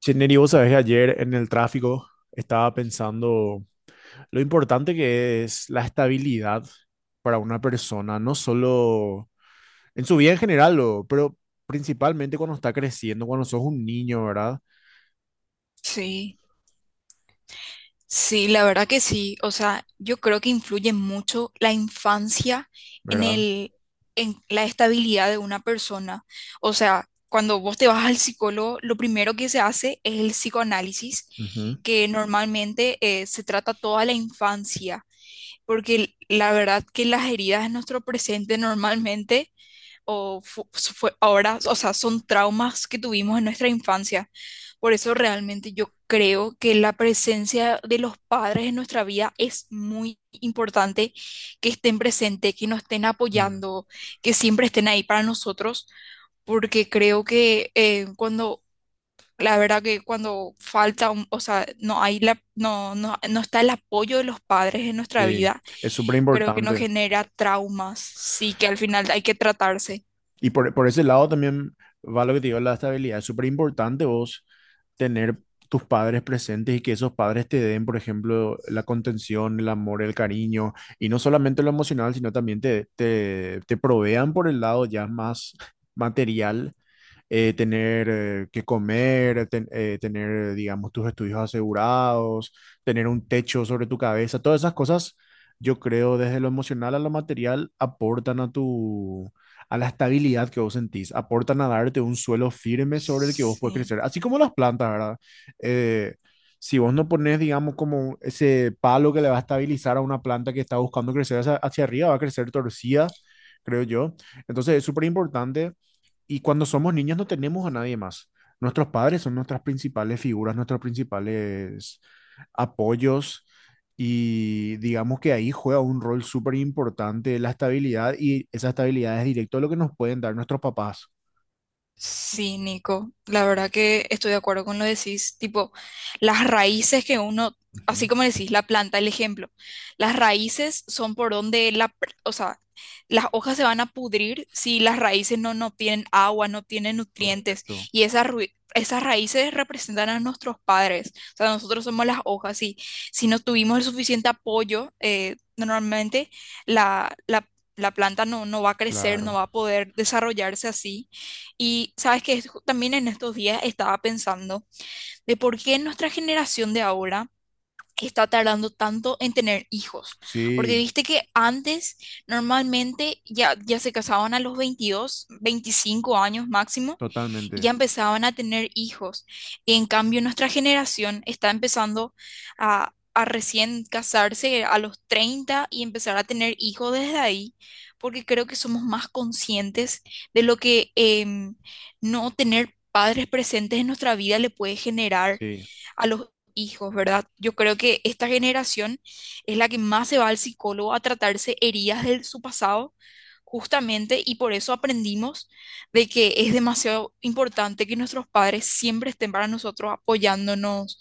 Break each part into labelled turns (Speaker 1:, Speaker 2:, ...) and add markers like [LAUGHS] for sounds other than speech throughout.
Speaker 1: Che, Neri, vos sabés que ayer en el tráfico estaba pensando lo importante que es la estabilidad para una persona, no solo en su vida en general, pero principalmente cuando está creciendo, cuando sos un niño, ¿verdad?
Speaker 2: Sí, sí, la verdad que sí. O sea, yo creo que influye mucho la infancia en
Speaker 1: ¿Verdad?
Speaker 2: el, en la estabilidad de una persona. O sea, cuando vos te vas al psicólogo, lo primero que se hace es el psicoanálisis,
Speaker 1: Ujú.
Speaker 2: que normalmente se trata toda la infancia, porque la verdad que las heridas de nuestro presente normalmente o fue ahora, o sea, son traumas que tuvimos en nuestra infancia. Por eso realmente yo creo que la presencia de los padres en nuestra vida es muy importante, que estén presentes, que nos estén
Speaker 1: Mm.
Speaker 2: apoyando, que siempre estén ahí para nosotros, porque creo que cuando, la verdad que cuando falta, o sea, no hay la, no está el apoyo de los padres en nuestra
Speaker 1: Sí,
Speaker 2: vida,
Speaker 1: es súper
Speaker 2: creo que nos
Speaker 1: importante.
Speaker 2: genera traumas, sí, que al final hay que tratarse.
Speaker 1: Y por ese lado también va lo que te digo, la estabilidad. Es súper importante vos tener tus padres presentes y que esos padres te den, por ejemplo, la contención, el amor, el cariño, y no solamente lo emocional, sino también te provean por el lado ya más material, tener, que comer, tener, digamos, tus estudios asegurados, tener un techo sobre tu cabeza, todas esas cosas, yo creo, desde lo emocional a lo material, aportan a a la estabilidad que vos sentís, aportan a darte un suelo firme sobre el que vos puedes
Speaker 2: Sí.
Speaker 1: crecer, así como las plantas, ¿verdad? Eh, si vos no pones, digamos, como ese palo que le va a estabilizar a una planta que está buscando crecer hacia arriba, va a crecer torcida, creo yo. Entonces es súper importante, y cuando somos niños no tenemos a nadie más. Nuestros padres son nuestras principales figuras, nuestros principales apoyos, y digamos que ahí juega un rol súper importante la estabilidad, y esa estabilidad es directo a lo que nos pueden dar nuestros papás.
Speaker 2: Sí, Nico, la verdad que estoy de acuerdo con lo que decís, tipo, las raíces que uno, así
Speaker 1: Ujú.
Speaker 2: como decís, la planta, el ejemplo, las raíces son por donde o sea, las hojas se van a pudrir si las raíces no tienen agua, no tienen nutrientes,
Speaker 1: Correcto.
Speaker 2: y esas raíces representan a nuestros padres, o sea, nosotros somos las hojas, y si no tuvimos el suficiente apoyo, normalmente la, la, la planta no va a crecer, no
Speaker 1: Claro.
Speaker 2: va a poder desarrollarse así. Y sabes que también en estos días estaba pensando de por qué nuestra generación de ahora está tardando tanto en tener hijos. Porque
Speaker 1: Sí,
Speaker 2: viste que antes normalmente ya se casaban a los 22 25 años máximo y ya
Speaker 1: totalmente.
Speaker 2: empezaban a tener hijos. En cambio, nuestra generación está empezando a recién casarse a los 30 y empezar a tener hijos desde ahí, porque creo que somos más conscientes de lo que no tener padres presentes en nuestra vida le puede generar
Speaker 1: Sí,
Speaker 2: a los hijos, ¿verdad? Yo creo que esta generación es la que más se va al psicólogo a tratarse heridas de su pasado, justamente, y por eso aprendimos de que es demasiado importante que nuestros padres siempre estén para nosotros apoyándonos.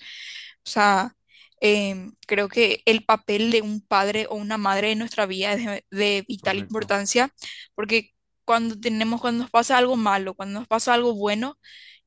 Speaker 2: O sea, creo que el papel de un padre o una madre en nuestra vida es de vital
Speaker 1: correcto.
Speaker 2: importancia, porque cuando tenemos, cuando nos pasa algo malo, cuando nos pasa algo bueno,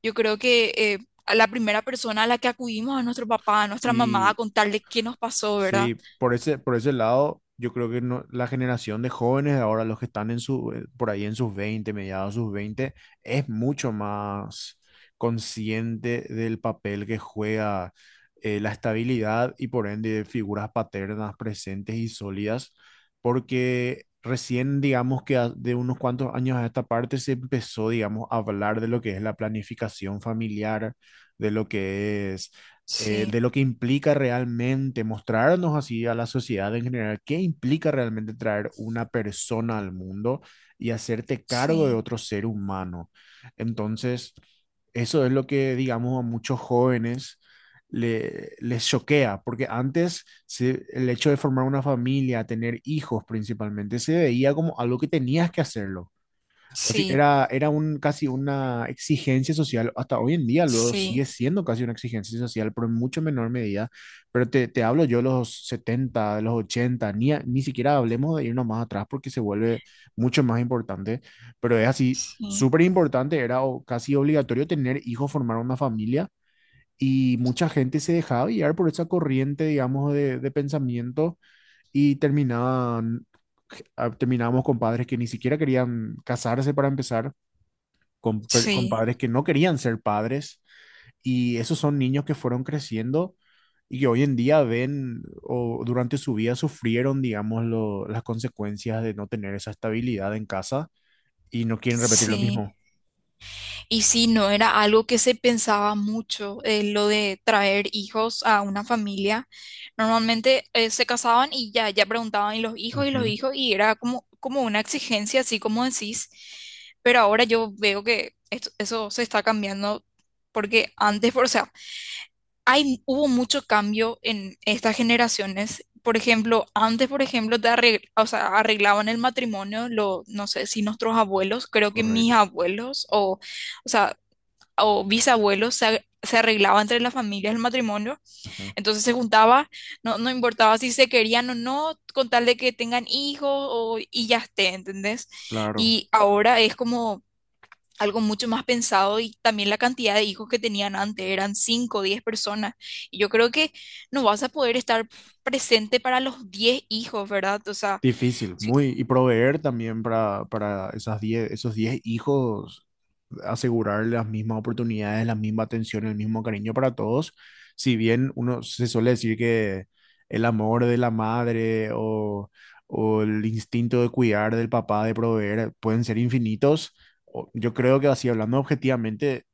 Speaker 2: yo creo que a la primera persona a la que acudimos a nuestro papá, a nuestra mamá, a contarle qué nos pasó, ¿verdad?
Speaker 1: Sí, por ese lado, yo creo que la generación de jóvenes de ahora, los que están por ahí en sus 20, mediados de sus veinte, es mucho más consciente del papel que juega, la estabilidad y por ende figuras paternas presentes y sólidas, porque recién, digamos que de unos cuantos años a esta parte se empezó, digamos, a hablar de lo que es la planificación familiar, de lo que es
Speaker 2: Sí,
Speaker 1: de lo que implica realmente mostrarnos así a la sociedad en general, qué implica realmente traer una persona al mundo y hacerte cargo de
Speaker 2: sí,
Speaker 1: otro ser humano. Entonces, eso es lo que, digamos, a muchos jóvenes les choquea, porque antes el hecho de formar una familia, tener hijos principalmente, se veía como algo que tenías que hacerlo. Así,
Speaker 2: sí,
Speaker 1: casi una exigencia social, hasta hoy en día lo sigue
Speaker 2: sí,
Speaker 1: siendo casi una exigencia social, pero en mucho menor medida. Pero te hablo yo de los setenta, de los ochenta; ni siquiera hablemos de irnos más atrás porque se vuelve mucho más importante. Pero es así,
Speaker 2: sí,
Speaker 1: súper importante, era casi obligatorio tener hijos, formar una familia, y mucha gente se dejaba guiar por esa corriente, digamos, de, pensamiento, y terminábamos con padres que ni siquiera querían casarse para empezar, con
Speaker 2: sí,
Speaker 1: padres que no querían ser padres, y esos son niños que fueron creciendo y que hoy en día ven o durante su vida sufrieron, digamos, las consecuencias de no tener esa estabilidad en casa, y no quieren repetir lo
Speaker 2: sí.
Speaker 1: mismo.
Speaker 2: Y sí, no era algo que se pensaba mucho, lo de traer hijos a una familia. Normalmente se casaban y ya preguntaban y los hijos y los
Speaker 1: Ujú.
Speaker 2: hijos y era como, como una exigencia, así como decís. Pero ahora yo veo que eso se está cambiando porque antes, o sea, hay, hubo mucho cambio en estas generaciones. Por ejemplo, antes, por ejemplo, o sea, arreglaban el matrimonio, lo, no sé si nuestros abuelos, creo que mis
Speaker 1: Correcto.
Speaker 2: abuelos o... O sea, o bisabuelos se arreglaba entre las familias el matrimonio,
Speaker 1: Ujú.
Speaker 2: entonces se juntaba, no importaba si se querían o no, con tal de que tengan hijos y ya esté, ¿entendés?
Speaker 1: Claro.
Speaker 2: Y ahora es como algo mucho más pensado y también la cantidad de hijos que tenían antes, eran 5 o 10 personas, y yo creo que no vas a poder estar presente para los 10 hijos, ¿verdad? O sea,
Speaker 1: Difícil,
Speaker 2: si.
Speaker 1: muy. Y proveer también para esas 10, esos 10 hijos, asegurar las mismas oportunidades, la misma atención, el mismo cariño para todos. Si bien uno se suele decir que el amor de la madre, o el instinto de cuidar del papá, de proveer, pueden ser infinitos, yo creo que, así hablando objetivamente,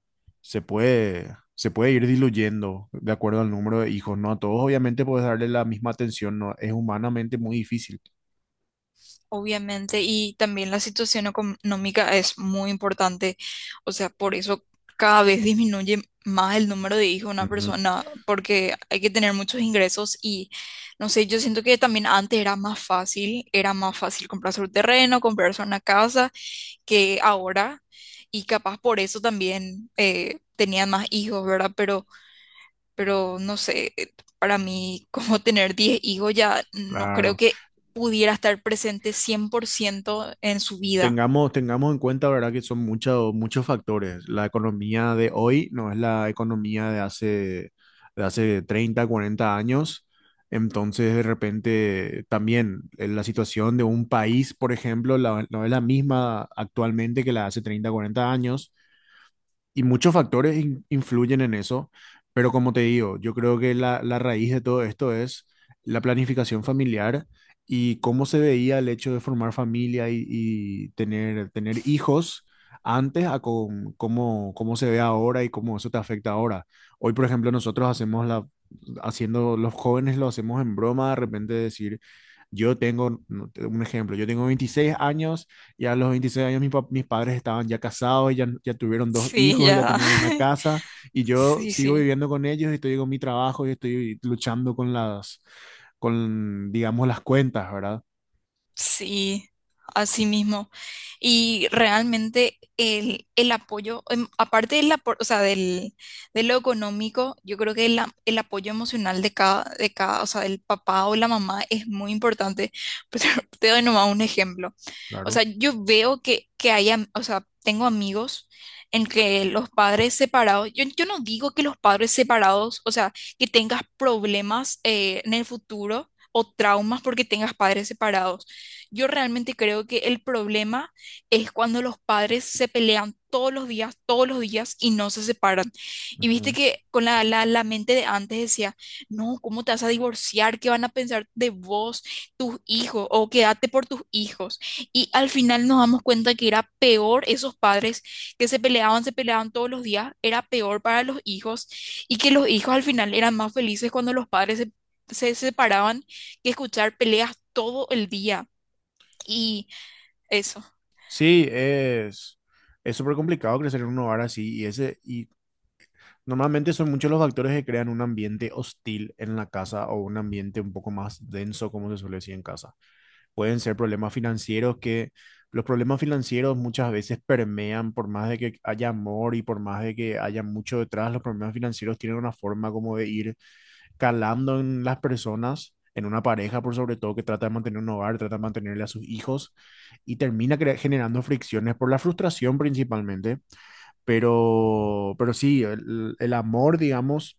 Speaker 1: se puede ir diluyendo de acuerdo al número de hijos, ¿no? A todos obviamente puedes darle la misma atención, ¿no? Es humanamente muy difícil.
Speaker 2: Obviamente, y también la situación económica es muy importante, o sea, por eso cada vez disminuye más el número de hijos de una
Speaker 1: Ujú.
Speaker 2: persona, porque hay que tener muchos ingresos y, no sé, yo siento que también antes era más fácil comprarse un terreno, comprarse una casa que ahora, y capaz por eso también tenían más hijos, ¿verdad? Pero no sé, para mí [LAUGHS] como tener 10 hijos ya no creo
Speaker 1: Claro.
Speaker 2: que pudiera estar presente 100% en su vida.
Speaker 1: Tengamos en cuenta, ¿verdad?, que son muchos, muchos factores. La economía de hoy no es la economía de hace 30 40 años. Entonces, de repente, también, la situación de un país, por ejemplo, no es la misma actualmente que la de hace 30 40 años, y muchos factores influyen en eso, pero como te digo, yo creo que la raíz de todo esto es la planificación familiar y cómo se veía el hecho de formar familia, y tener hijos antes, cómo se ve ahora y cómo eso te afecta ahora. Hoy, por ejemplo, nosotros los jóvenes lo hacemos en broma, de repente decir. No, un ejemplo. Yo tengo 26 años; ya a los 26 años mis padres estaban ya casados, ya tuvieron dos
Speaker 2: Sí,
Speaker 1: hijos, ya
Speaker 2: ya.
Speaker 1: tenían una
Speaker 2: [LAUGHS]
Speaker 1: casa, y yo
Speaker 2: Sí,
Speaker 1: sigo
Speaker 2: sí.
Speaker 1: viviendo con ellos y estoy con mi trabajo y estoy luchando con, digamos, las cuentas, ¿verdad?
Speaker 2: Sí, así mismo. Y realmente el apoyo, aparte o sea, del, de lo económico, yo creo que el apoyo emocional o sea, del papá o la mamá es muy importante. [LAUGHS] Pero te doy nomás un ejemplo. O
Speaker 1: Claro.
Speaker 2: sea, yo veo que, hay, o sea, tengo amigos en que los padres separados, yo no digo que los padres separados, o sea, que tengas problemas en el futuro. O traumas porque tengas padres separados. Yo realmente creo que el problema es cuando los padres se pelean todos los días y no se separan. Y viste
Speaker 1: Ujú.
Speaker 2: que con la mente de antes decía, no, ¿cómo te vas a divorciar? ¿Qué van a pensar de vos, tus hijos? O quédate por tus hijos. Y al final nos damos cuenta que era peor esos padres que se peleaban todos los días, era peor para los hijos y que los hijos al final eran más felices cuando los padres se separaban que escuchar peleas todo el día. Y eso,
Speaker 1: Sí, es súper complicado crecer en un hogar así, y normalmente son muchos los factores que crean un ambiente hostil en la casa, o un ambiente un poco más denso, como se suele decir en casa. Pueden ser problemas financieros que los problemas financieros muchas veces permean, por más de que haya amor y por más de que haya mucho detrás; los problemas financieros tienen una forma como de ir calando en las personas, en una pareja por sobre todo, que trata de mantener un hogar, trata de mantenerle a sus hijos, y termina generando fricciones por la frustración principalmente, pero sí, el amor, digamos,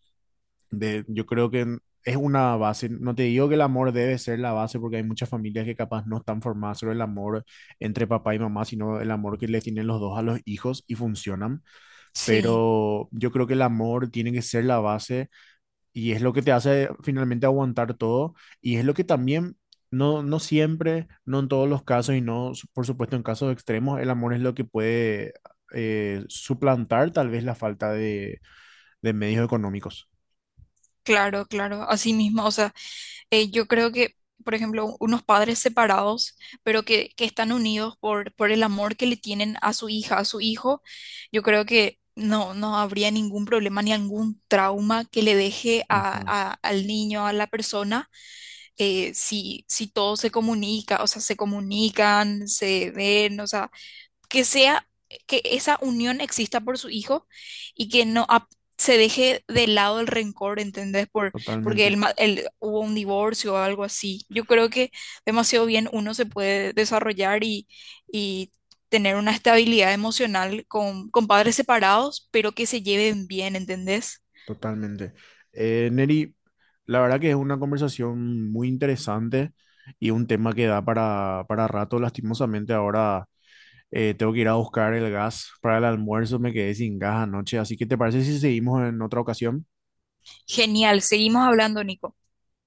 Speaker 1: yo creo que es una base. No te digo que el amor debe ser la base, porque hay muchas familias que capaz no están formadas sobre el amor entre papá y mamá, sino el amor que le tienen los dos a los hijos, y funcionan.
Speaker 2: sí,
Speaker 1: Pero yo creo que el amor tiene que ser la base, y es lo que te hace finalmente aguantar todo, y es lo que también. No, no siempre, no en todos los casos, y no, por supuesto, en casos extremos, el amor es lo que puede, suplantar tal vez la falta de medios económicos.
Speaker 2: claro, claro, así mismo, o sea, yo creo que, por ejemplo, unos padres separados, pero que están unidos por, el amor que le tienen a su hija, a su hijo, yo creo que no habría ningún problema ni algún trauma que le deje a,
Speaker 1: Ujú.
Speaker 2: al niño, a la persona, si, todo se comunica, o sea, se comunican, se ven, o sea, que esa unión exista por su hijo y que no ap- se deje de lado el rencor, ¿entendés? Porque
Speaker 1: Totalmente.
Speaker 2: hubo un divorcio o algo así. Yo creo que demasiado bien uno se puede desarrollar y, y tener una estabilidad emocional con, padres separados, pero que se lleven bien, ¿entendés?
Speaker 1: Totalmente. Neri, la verdad que es una conversación muy interesante y un tema que da para rato. Lastimosamente, ahora tengo que ir a buscar el gas para el almuerzo; me quedé sin gas anoche, así que ¿te parece si seguimos en otra ocasión?
Speaker 2: Genial, seguimos hablando, Nico.